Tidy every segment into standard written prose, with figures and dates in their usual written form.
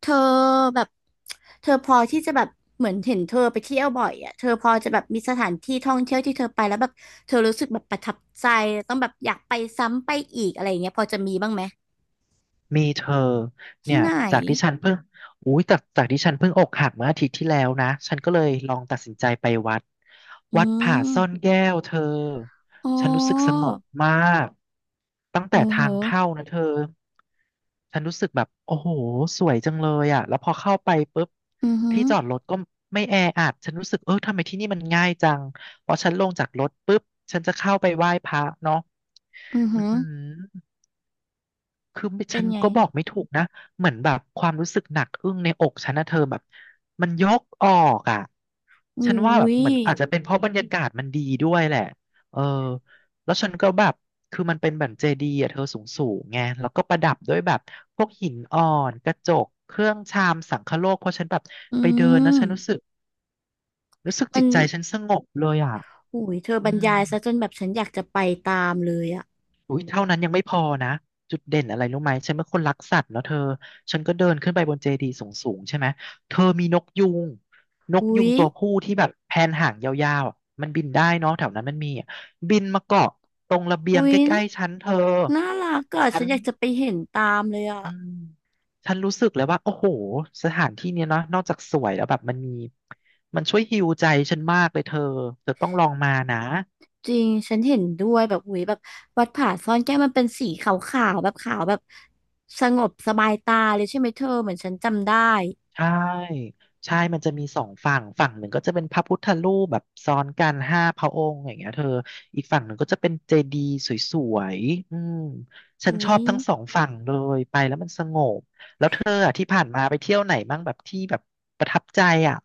เธอแบบเธอพอที่จะแบบเหมือนเห็นเธอไปเที่ยวบ่อยอ่ะเธอพอจะแบบมีสถานที่ท่องเที่ยวที่เธอไปแล้วแบบเธอรู้สึกแบบประทับใจต้องแบบอยากไปซ้ำไปอีกอะไรอย่างเงี้ยพอจะมีบ้างไหมมีเธอเนี่ที่ยไหนจากที่ฉันเพิ่งอุ้ยจากที่ฉันเพิ่งอกหักเมื่ออาทิตย์ที่แล้วนะฉันก็เลยลองตัดสินใจไปวัดอืวัดผาซ่อนมแก้วเธออ๋ฉันรู้สึกสองบมากตั้งโอ้แต่โหทางเข้านะเธอฉันรู้สึกแบบโอ้โหสวยจังเลยอ่ะแล้วพอเข้าไปปุ๊บอือหือที่จอดรถก็ไม่แออัดฉันรู้สึกเออทำไมที่นี่มันง่ายจังพอฉันลงจากรถปุ๊บฉันจะเข้าไปไหว้พระเนาะอืออือหือหือ คือไม่เป็ฉันนไงก็บอกไม่ถูกนะเหมือนแบบความรู้สึกหนักอึ้งในอกฉันนะเธอแบบมันยกออกอ่ะอุ้ฉันว่าแบบยเหมือนอาจจะเป็นเพราะบรรยากาศมันดีด้วยแหละเออแล้วฉันก็แบบคือมันเป็นแบบเจดีย์อ่ะเธอสูงสูงไงแล้วก็ประดับด้วยแบบพวกหินอ่อนกระจกเครื่องชามสังคโลกเพราะฉันแบบอืไปเดินนะมฉันรู้สึกมัจินตใจฉันสงบเลยอ่ะอุ้ยเธออืบรรม ยายซะจนแบบฉันอยากจะไปตามเลยอ่ะอุ้ยเท่านั้นยังไม่พอนะจุดเด่นอะไรรู้ไหมฉันเป็นคนรักสัตว์เนาะเธอฉันก็เดินขึ้นไปบนเจดีย์สูงๆใช่ไหมเธอมีนกยูงนกยูอุ้งยตัวผู้ที่แบบแผนหางยาวๆอะมันบินได้เนาะแถวนั้นมันมีอะบินมาเกาะตรงระเบียงอุ้ใกยล้ๆฉันเธอน่ารักอ่ะฉัฉันนอยากจะไปเห็นตามเลยอ่ะ อืมฉันรู้สึกเลยว่าโอ้โหสถานที่เนี้ยเนาะนอกจากสวยแล้วแบบมันมีมันช่วยฮีลใจฉันมากเลยเธอเธอต้องลองมานะ จริงฉันเห็นด้วยแบบอุ๊ยแบบวัดผาซ่อนแก้วมันเป็นสีขาวๆแบบขาวแบบสงบสบายตาเลยใช่ไหมเธอเหมือนฉันจำได้ใช่ใช่มันจะมีสองฝั่งฝั่งหนึ่งก็จะเป็นพระพุทธรูปแบบซ้อนกันห้าพระองค์อย่างเงี้ยเธอ อีกฝั่งหนึ่งก็จะเป็นเจดีย์สวยๆอืมฉันอุ้ชอยบทั้งสองฝั่งเลยไปแล้วมันสงบ แล้วเธออะที่ผ่านมาไปเที่ยวไหนบ้างแบบที่แบบประทับใจอ่ะ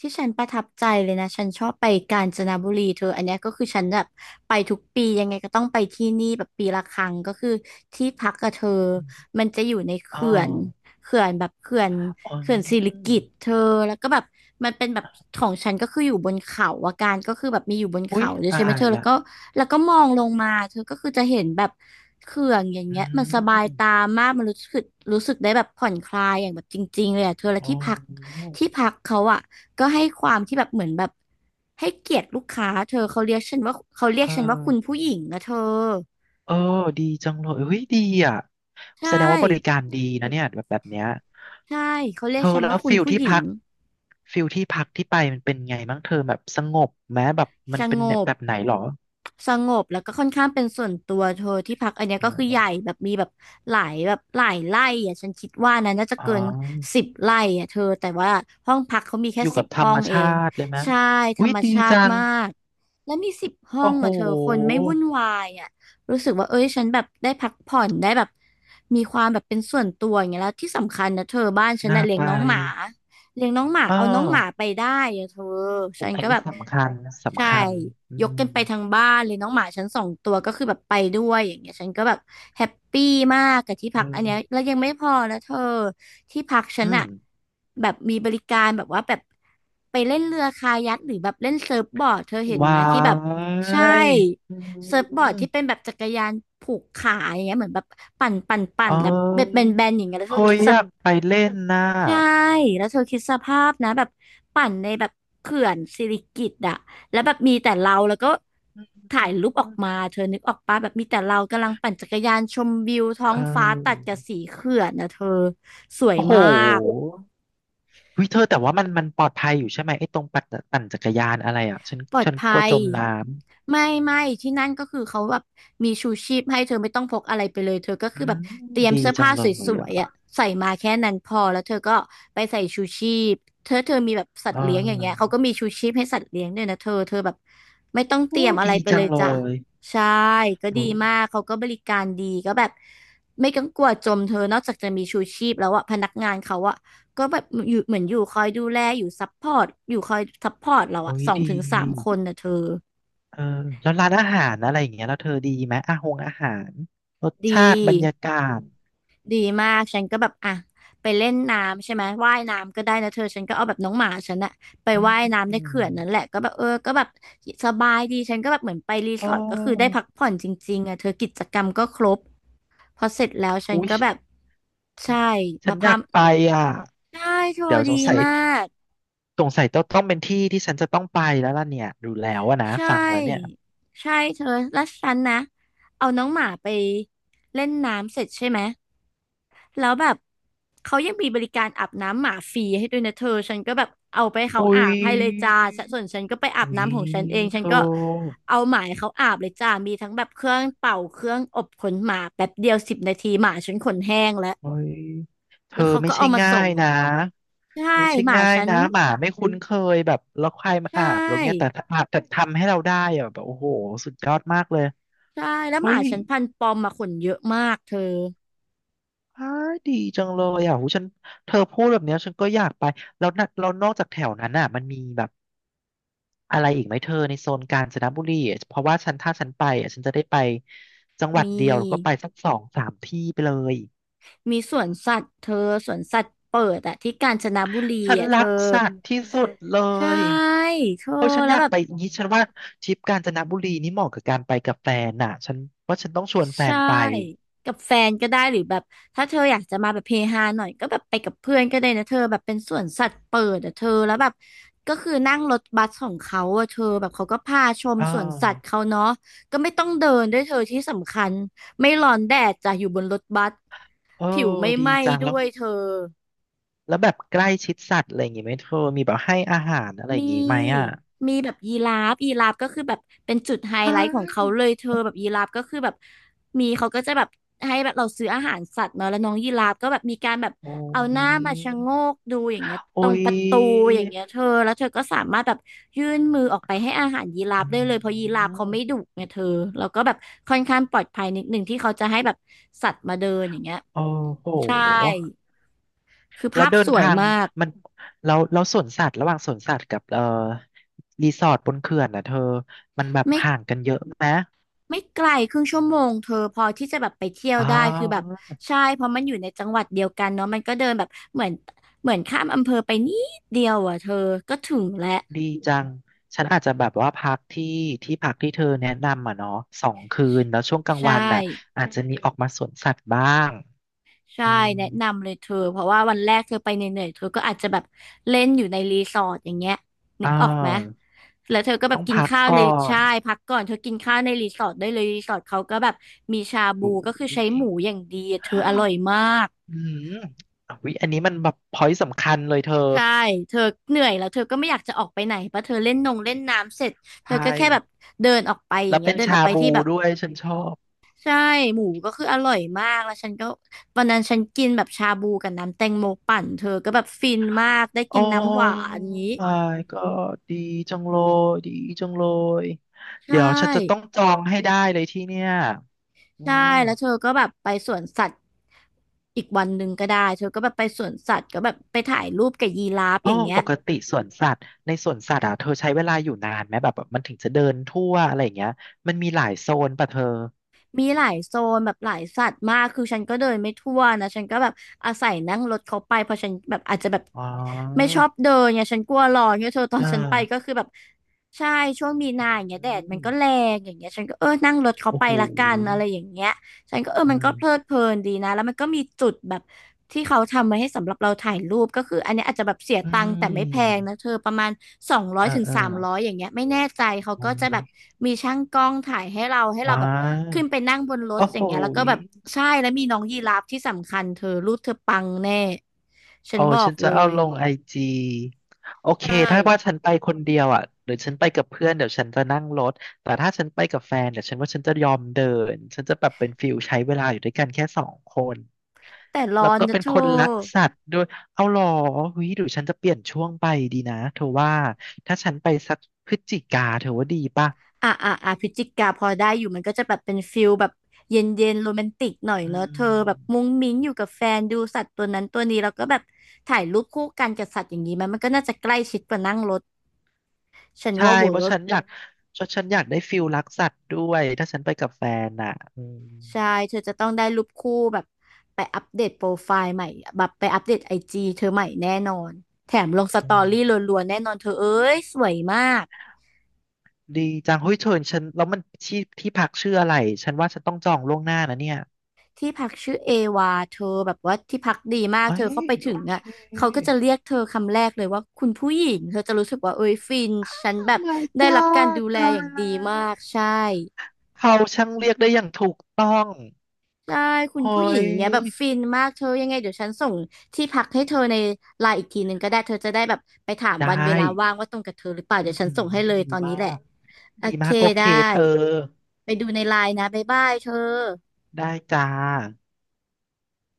ที่ฉันประทับใจเลยนะฉันชอบไปกาญจนบุรีเธออันเนี้ยก็คือฉันแบบไปทุกปียังไงก็ต้องไปที่นี่แบบปีละครั้งก็คือที่พักกับเธอมันจะอยู่ในอ๋อเขื่อน เขื่อนแบบเขื่อนอ๋อเขื่อนสิริกิติ์เธอแล้วก็แบบมันเป็นแบบของฉันก็คืออยู่บนเขาอาการก็คือแบบมีอยู่บนอุ้ยเขาด้วยตาใช่ไหมยเธอแล้ละ วก็มองลงมาเธอก็คือจะเห็นแบบเขื่อนอย่างอืเงี้ยมันสบายมตามากมันรู้สึกได้แบบผ่อนคลายอย่างแบบจริงๆเลยอะเธอและอ๋อที่พักที่พักเขาอะก็ให้ความที่แบบเหมือนแบบให้เกียรติลูกค้าเธอเขาเรียกฉันว่าเขาเรีเอยกฉันว่าคุณอ ผู้หญิงนะเธอเออดีจังเลยเฮ้ยดีอ่ะใช่แสดงว่าบริการดีนะเนี่ยแบบเนี้ยใช่เขาเรียเธกอฉันแล้ว่าวคุณฟิลผู้ที่หญิง พักฟิลที่พักที่ไปมันเป็นไงบ้างเธอแบบสงบไหมแบบสมันเป็นงบแบบไหนหรอสงบแล้วก็ค่อนข้างเป็นส่วนตัวเธอที่พักอันเนี้ยอ๋ก็คือใหญ่อแบบมีแบบหลายแบบหลายไร่อ่ะฉันคิดว่านะน่าจะอ๋เกินอ10 ไร่อ่ะเธอแต่ว่าห้องพักเขามีอแค่ยู่สิกับบธรห้อรมงเอชางติเลยไหมใช่ธรอุ้ยรมดีชาจัติงมากแล้วมีสิบห้อโอ้งโหอ่ะเธอคนไม่วุ่นวายอ่ะรู้สึกว่าเอ้ยฉันแบบได้พักผ่อนได้แบบมีความแบบเป็นส่วนตัวอย่างเงี้ยแล้วที่สำคัญนะเธอบ้านฉันน่าน่ะเลี้ยไปงน้องหมา เลี้ยงน้องหมาเอเอาน้องหมาไปอได้อะเธออฉัยนอันก็แบนี้บสำคัญใช่สำคัญอืยกกัมนไปทั้งบ้านเลยน้องหมาฉันสองตัวก็คือแบบไปด้วยอย่างเงี้ยฉันก็แบบแฮปปี้มากกับที่เอพักอันเนี้ยอแล้วยังไม่พอนะเธอที่พักฉันอืมอะแบบมีบริการแบบว่าแบบไปเล่นเรือคายัคหรือแบบเล่นเซิร์ฟบอร์ดเธอเห็นไหว้ามที่แบบใช่ยอืเซิร์ฟบอร์ดที่เป็นม แบบจักรยานผูกขาอย่างเงี้ยเหมือนแบบปั่นปั่นปั่นเอ้แล้วเบ็ดแยบนๆอย่างเงี้ยแล้วก็เฮ้ยคิดส อยากไปเล่นน่ะใช่ แล้วเธอคิดสภาพนะแบบปั่นในแบบเขื่อนสิริกิติ์อะแล้วแบบมีแต่เราแล้วก็อืถ่ายรูปออกมามเธอนึกออกปะแบบมีแต่เรากำลังปั่นจักรยานชมวิวท้อเงฟ้าตัดออกับสีเขื่อนนะเธอสวยโอ้โหมาก วิเธอแต่ว่ามันมันปลอดภัยอยู่ใช่ไหมไอ้ตรงปัดตปั่นจักรยานอะไรอ่ะฉันปลอดฉันกลัภัวยจมน้ำไม่ที่นั่นก็คือเขาแบบมีชูชีพให้เธอไม่ต้องพกอะไรไปเลยเธอก็อืคือแบมบเตรียมดีเสื้อจัผ้างเลสยวยๆอ่ะอ่ะใส่มาแค่นั้นพอแล้วเธอก็ไปใส่ชูชีพเธอเธอมีแบบสัตเอว์เลี้ยงอย่างเงี้ยเขาอก็มีชูชีพให้สัตว์เลี้ยงด้วยนะเธอเธอแบบไม่ต้องเตโอ้รียมอะดีไรไปจัเลงยเลจ้ะยใช่ก็โอดีมาก้เขาก็บริการดีก็แบบไม่กังวลจมเธอนอกจากจะมีชูชีพแล้วอะพนักงานเขาอะ ก็แบบอยู่เหมือนอยู่คอยดูแลอยู่ซัพพอร์ตอยู่คอยซัพพอร์ตเราโอ้อะยสองดีถึงสามคนนะเธอเออแล้วร้านอาหารอะไรอย่างเงี้ยแล้วเธอดีไหมอาหารรสดีชาติบรรยากาศดีมากฉันก็แบบอ่ะไปเล่นน้ำใช่ไหมว่ายน้ำก็ได้นะเธอฉันก็เอาแบบน้องหมาฉันอะไปอืว่ายน้ำในเขื่อนนั่นแหละมก็แบบเออก็แบบสบายดีฉันก็แบบเหมือนไปรีอ๋สออร์ทก็คือได้พักผ่อนจริงๆอะเธอกิจกรรมก็ครบพอเสร็จแล้วฉันอุ้ย ก็แบบใช่ฉันมาอพายากมไปอ่ะใช่เธอเดี๋ยวสดีงสัยมาก สงสัยต้องเป็นที่ที่ฉันจะต้องไปแล้วล่ะเนี่ยดูแล้วอะนะใชฟังแล้วเนี่ย่ใช่เธอแล้วฉันนะ เอาน้องหมาไปเล่นน้ำเสร็จใช่ไหม แล้วแบบเขายังมีบริการอาบน้ำหมาฟรีให้ด้วยนะเธอ ฉันก็แบบเอาไปให้เขาอุ้อายบให้เลยจ้าฉันส่วนฉันก็ไปอาบอุ้ยน้ำของฉันเองเธฉันอก็เอาหมาให้เขาอาบเลยจ้ามีทั้งแบบเครื่องเป่าเครื่องอบขนหมาแป๊บเดียว10 นาทีหมาฉันขนแห้งแล้ว อุ้ยเธแล้อวเขาไม่ก็ใช่เอามาง่าส่ง ยนะใช่ไม่ใช่หมาง่ายฉันนะหมาไม่คุ้นเคยแบบแล้วใครมาใชอาบแล้วเงี้ยแต่่ถ้าอาบแต่ทำให้เราได้อะแบบโอ้โหสุดยอดมากเลยใช่แล้วหเฮ้มาย ฉันพันธุ์ปอมมาขนเยอะมากเธออ้ายดีจังเลยอ่ะหูฉันเธอพูดแบบเนี้ยฉันก็อยากไปแล้วนะแล้วนอกจากแถวนั้นอ่ะมันมีแบบอะไรอีกไหมเธอในโซนกาญจนบุรีอะเพราะว่าฉันถ้าฉันไปอ่ะฉันจะได้ไปจังหวัดมี เดียวแล้วก็ไปสักสองสามที่ไปเลยมีสวนสัตว์เธอสวนสัตว์เปิดอะที่กาญจนบุรีฉันอะเธรัอกสัตว์ที่สุดเลใช่ยเธอโอ้ยฉันแล้อวยากแบบไปอย่างนี้ฉันว่าทริปกาญจนบุรีนี่เหมาะกับการไปกับแฟนน่ะฉันว่าฉันต้องชวนแฟใช่นไปกับแฟนก็ได้หรือแบบถ้าเธออยากจะมาแบบเฮฮาหน่อยก็แบบไปกับเพื่อนก็ได้นะเธอแบบเป็นสวนสัตว์เปิดอะเธอแล้วแบบก็คือนั่งรถบัสของเขาอะเธอแบบเขาก็พาชมอ่าสวนสัตว์วเขาเนาะก็ไม่ต้องเดินด้วยเธอที่สำคัญไม่ร้อนแดดจ้ะอยู่บนรถบัสเออผิวไม่ดีไหม้จังด้แล้ววยเธอ แล้วแบบใกล้ชิดสัตว์อะไรอย่างงี้ไหมเธอมีแบบให้อาหารอะไรอย่างมี งี้ไหมอ่ะ มีแบบยีราฟยีราฟก็คือแบบเป็นจุดไฮใชไลท์ของเขา่เลยเธอแบบยีราฟก็คือแบบมีเขาก็จะแบบให้แบบเราซื้ออาหารสัตว์เนอะแล้วน้องยีราฟก็แบบมีการแบบโอ้เอาหน้ายมาชะโงกดูอย่างเงี้ยโอ้ตรงยประตูอย่างเงี้ยเธอแล้วเธอก็สามารถแบบยื่นมือออกไปให้อาหารยีราฟอืได้เลยเพราะยีราฟมเขาไม่ดุไงเธอแล้วก็แบบค่อนข้างปลอดภัยนิดหนึ่งที่เขาจะให้แบบสัตว์มาเดินอย่างเงี้ยโอ้โหใช่คือแล้ภาวพเดิสนวยทางมากมันแล้วสวนสัตว์ระหว่างสวนสัตว์กับรีสอร์ทบนเขื่อนนะเธอมันแบบไม่ ห่างกันเยอะไหมไม่ไกล1/2 ชั่วโมงเธอพอที่จะแบบไปเที่ยวอ้าได้คือแบบวใช่เพราะมันอยู่ในจังหวัดเดียวกันเนาะมันก็เดินแบบเหมือนเหมือนข้ามอำเภอไปนิดเดียวอ่ะเธอ ก็ถึงแล้วดีจังฉันอาจจะแบบว่าพักที่ที่พักที่เธอแนะนำอ่ะเนาะ2 คืนแล้วช่วงกลางใช่วันน่ะอาจจะมีออกมาสวนสัตว์บ้างใช่อืมแนะนำเลยเธอเพราะว่าวันแรกเธอไปเหนื่อยๆเธอก็อาจจะแบบเล่นอยู่ในรีสอร์ทอย่างเงี้ยนึอ่ากออกไหมวแล้วเธอก็แบต้บองกินพักข้าวในก่อนใช่พักก่อนเธอกินข้าวในรีสอร์ทได้เลยรีสอร์ทเขาก็แบบมีชาบูโอ้ก็คือใช้ย หมูอย่างดีอะเธออร่อยมาก อืมอุ๊ยอันนี้มันแบบพอยต์สำคัญเลยเธอ ใช่เธอเหนื่อยแล้วเธอก็ไม่อยากจะออกไปไหนเพราะเธอเล่นนงเล่นน้ำเสร็จเธอใช่ ก็แค่แบบเดินออกไปอย่าแล้งวเงี้ยเป็นเดินออชากไปที่บูแบบด้วยฉันชอบใช่หมูก็คืออร่อยมากแล้วฉันก็วันนั้นฉันกินแบบชาบูกับน้ำแตงโมปั่นเธอก็แบบฟินมากได้กิโอ้ นน้ำหวานอย่างงี้ my god ดีจังเลยดีจังเลย ใชเดี๋ยวฉันจะต้อง่จองให้ได้เลยที่เนี่ยอืใช่มแล้วเธอก็แบบไปสวนสัตว์อีกวันหนึ่งก็ได้เธอก็แบบไปสวนสัตว์ก็แบบไปถ่ายรูปกับยีราฟอ้ออย่างเงี้ปย กติสวนสัตว์ในสวนสัตว์อ่ะเธอใช้เวลาอยู่นานไหมแบบมันถึงจะเดินทั่วอะไรอย่างเงี้ย มันมีหลายโซนป่ะเธอ มีหลายโซนแบบหลายสัตว์มากคือฉันก็เดินไม่ทั่วนะฉันก็แบบอาศัยนั่งรถเขาไปเพราะฉันแบบอาจจะแบบอ๋อไม่ชอบเดินเนี่ยฉันกลัวร้อนเนี่ยเธอตออ่นฉันไปก็าคือแบบใช่ช่วงมีอืนาอย่างเงี้ยแดดมัมนก็แรงอย่างเงี้ยฉันก็เออนั่งรถเขาโอ้ไปโหละกันอะไรอย่างเงี้ย ฉันก็เออเอมันก็เพลิดอเพลินดีนะแล้วมันก็มีจุดแบบที่เขาทำไว้ให้สำหรับเราถ่ายรูปก็คืออันเนี้ยอาจจะแบบเสียอืตังค์แต่ไม่แพงนะมเธอประมาณสองร้อเอยอถึงเออ สามร้อยอย่างเงี้ยไม่แน่ใจเขาอ๋ก็จะแบบมีช่างกล้องถ่ายให้เราให้อ่เราแบบขึ้านไปนั่งบนรถโอ้อโหย่างเงี้ยแล้วก็ยแบบใช่แล้วมีน้องยีราฟที่สำคัญเธอรูปเธอปังแน่ฉัโอ้นบอฉักนจะเลเอายลงไอจีโอเคใช่ถ้าว่าฉันไปคนเดียวอ่ะหรือฉันไปกับเพื่อนเดี๋ยวฉันจะนั่งรถแต่ถ้าฉันไปกับแฟนเดี๋ยวฉันว่าฉันจะยอมเดินฉันจะแบบเป็นฟิลใช้เวลาอยู่ด้วยกันแค่สองคนแต่ร้แล้อวนก็นะเป็นเธคอ นรักสัตว์ด้วยเอาหรอหุยหรือฉันจะเปลี่ยนช่วงไปดีนะเธอว่าถ้าฉันไปสักพฤศจิกาเธอว่าดีป่ะอ่ะพฤศจิกาพอได้อยู่มันก็จะแบบเป็นฟิลแบบเย็นเย็นโรแมนติกหน่อยอืเนอะเธม อแบบมุ้งมิ้งอยู่กับแฟนดูสัตว์ตัวนั้นตัวนี้แล้วก็แบบถ่ายรูปคู่กันกับสัตว์อย่างนี้มันก็น่าจะใกล้ชิดกว่านั่งรถฉันใช่ว่าเพเวิราะร์กฉันอยาก ฉันอยากได้ฟิลรักสัตว์ด้วยถ้าฉันไปกับแฟนอ่ะอืมใช่เธอจะต้องได้รูปคู่แบบไปอัปเดตโปรไฟล์ใหม่แบบไปอัปเดตIGเธอใหม่แน่นอนแถมลงสอืตอรี่มรัวๆแน่นอนเธอเอ้ยสวยมาก ดีจังเฮ้ยเธอฉันแล้วมันที่ที่พักชื่ออะไรฉันว่าฉันต้องจองล่วงหน้านะเนี่ยที่พักชื่อเอวาเธอแบบว่าที่พักดีมากเอ้เธอเข้ายไปโอถึงเค อ่ะเขาก็จะเรียกเธอคำแรกเลยว่าคุณผู้หญิงเธอจะรู้สึกว่าเอ้ยฟินฉันแบบ Oh my ได้รับการ god ดูแลตาอยย่างดีแล้มาวกใช่เขาช่างเรียกได้อย่างถูกต้องใช่คุณเฮ้ผู้หญิงยเงี้ยแบบฟินมากเธอยังไงเดี๋ยวฉันส่งที่พักให้เธอในไลน์อีกทีหนึ่งก็ได้เธอจะได้แบบไปถามได้วันเวลาว่างว่าตรงกับเธอหรือเปล่าเดี๋อื้ยอวฉันหือส่งให้เลดียตอนมานี้แหละกโอดีเคมากโอเคได้เธอไปดูในไลน์นะบ๊ายบายเธอได้จ้า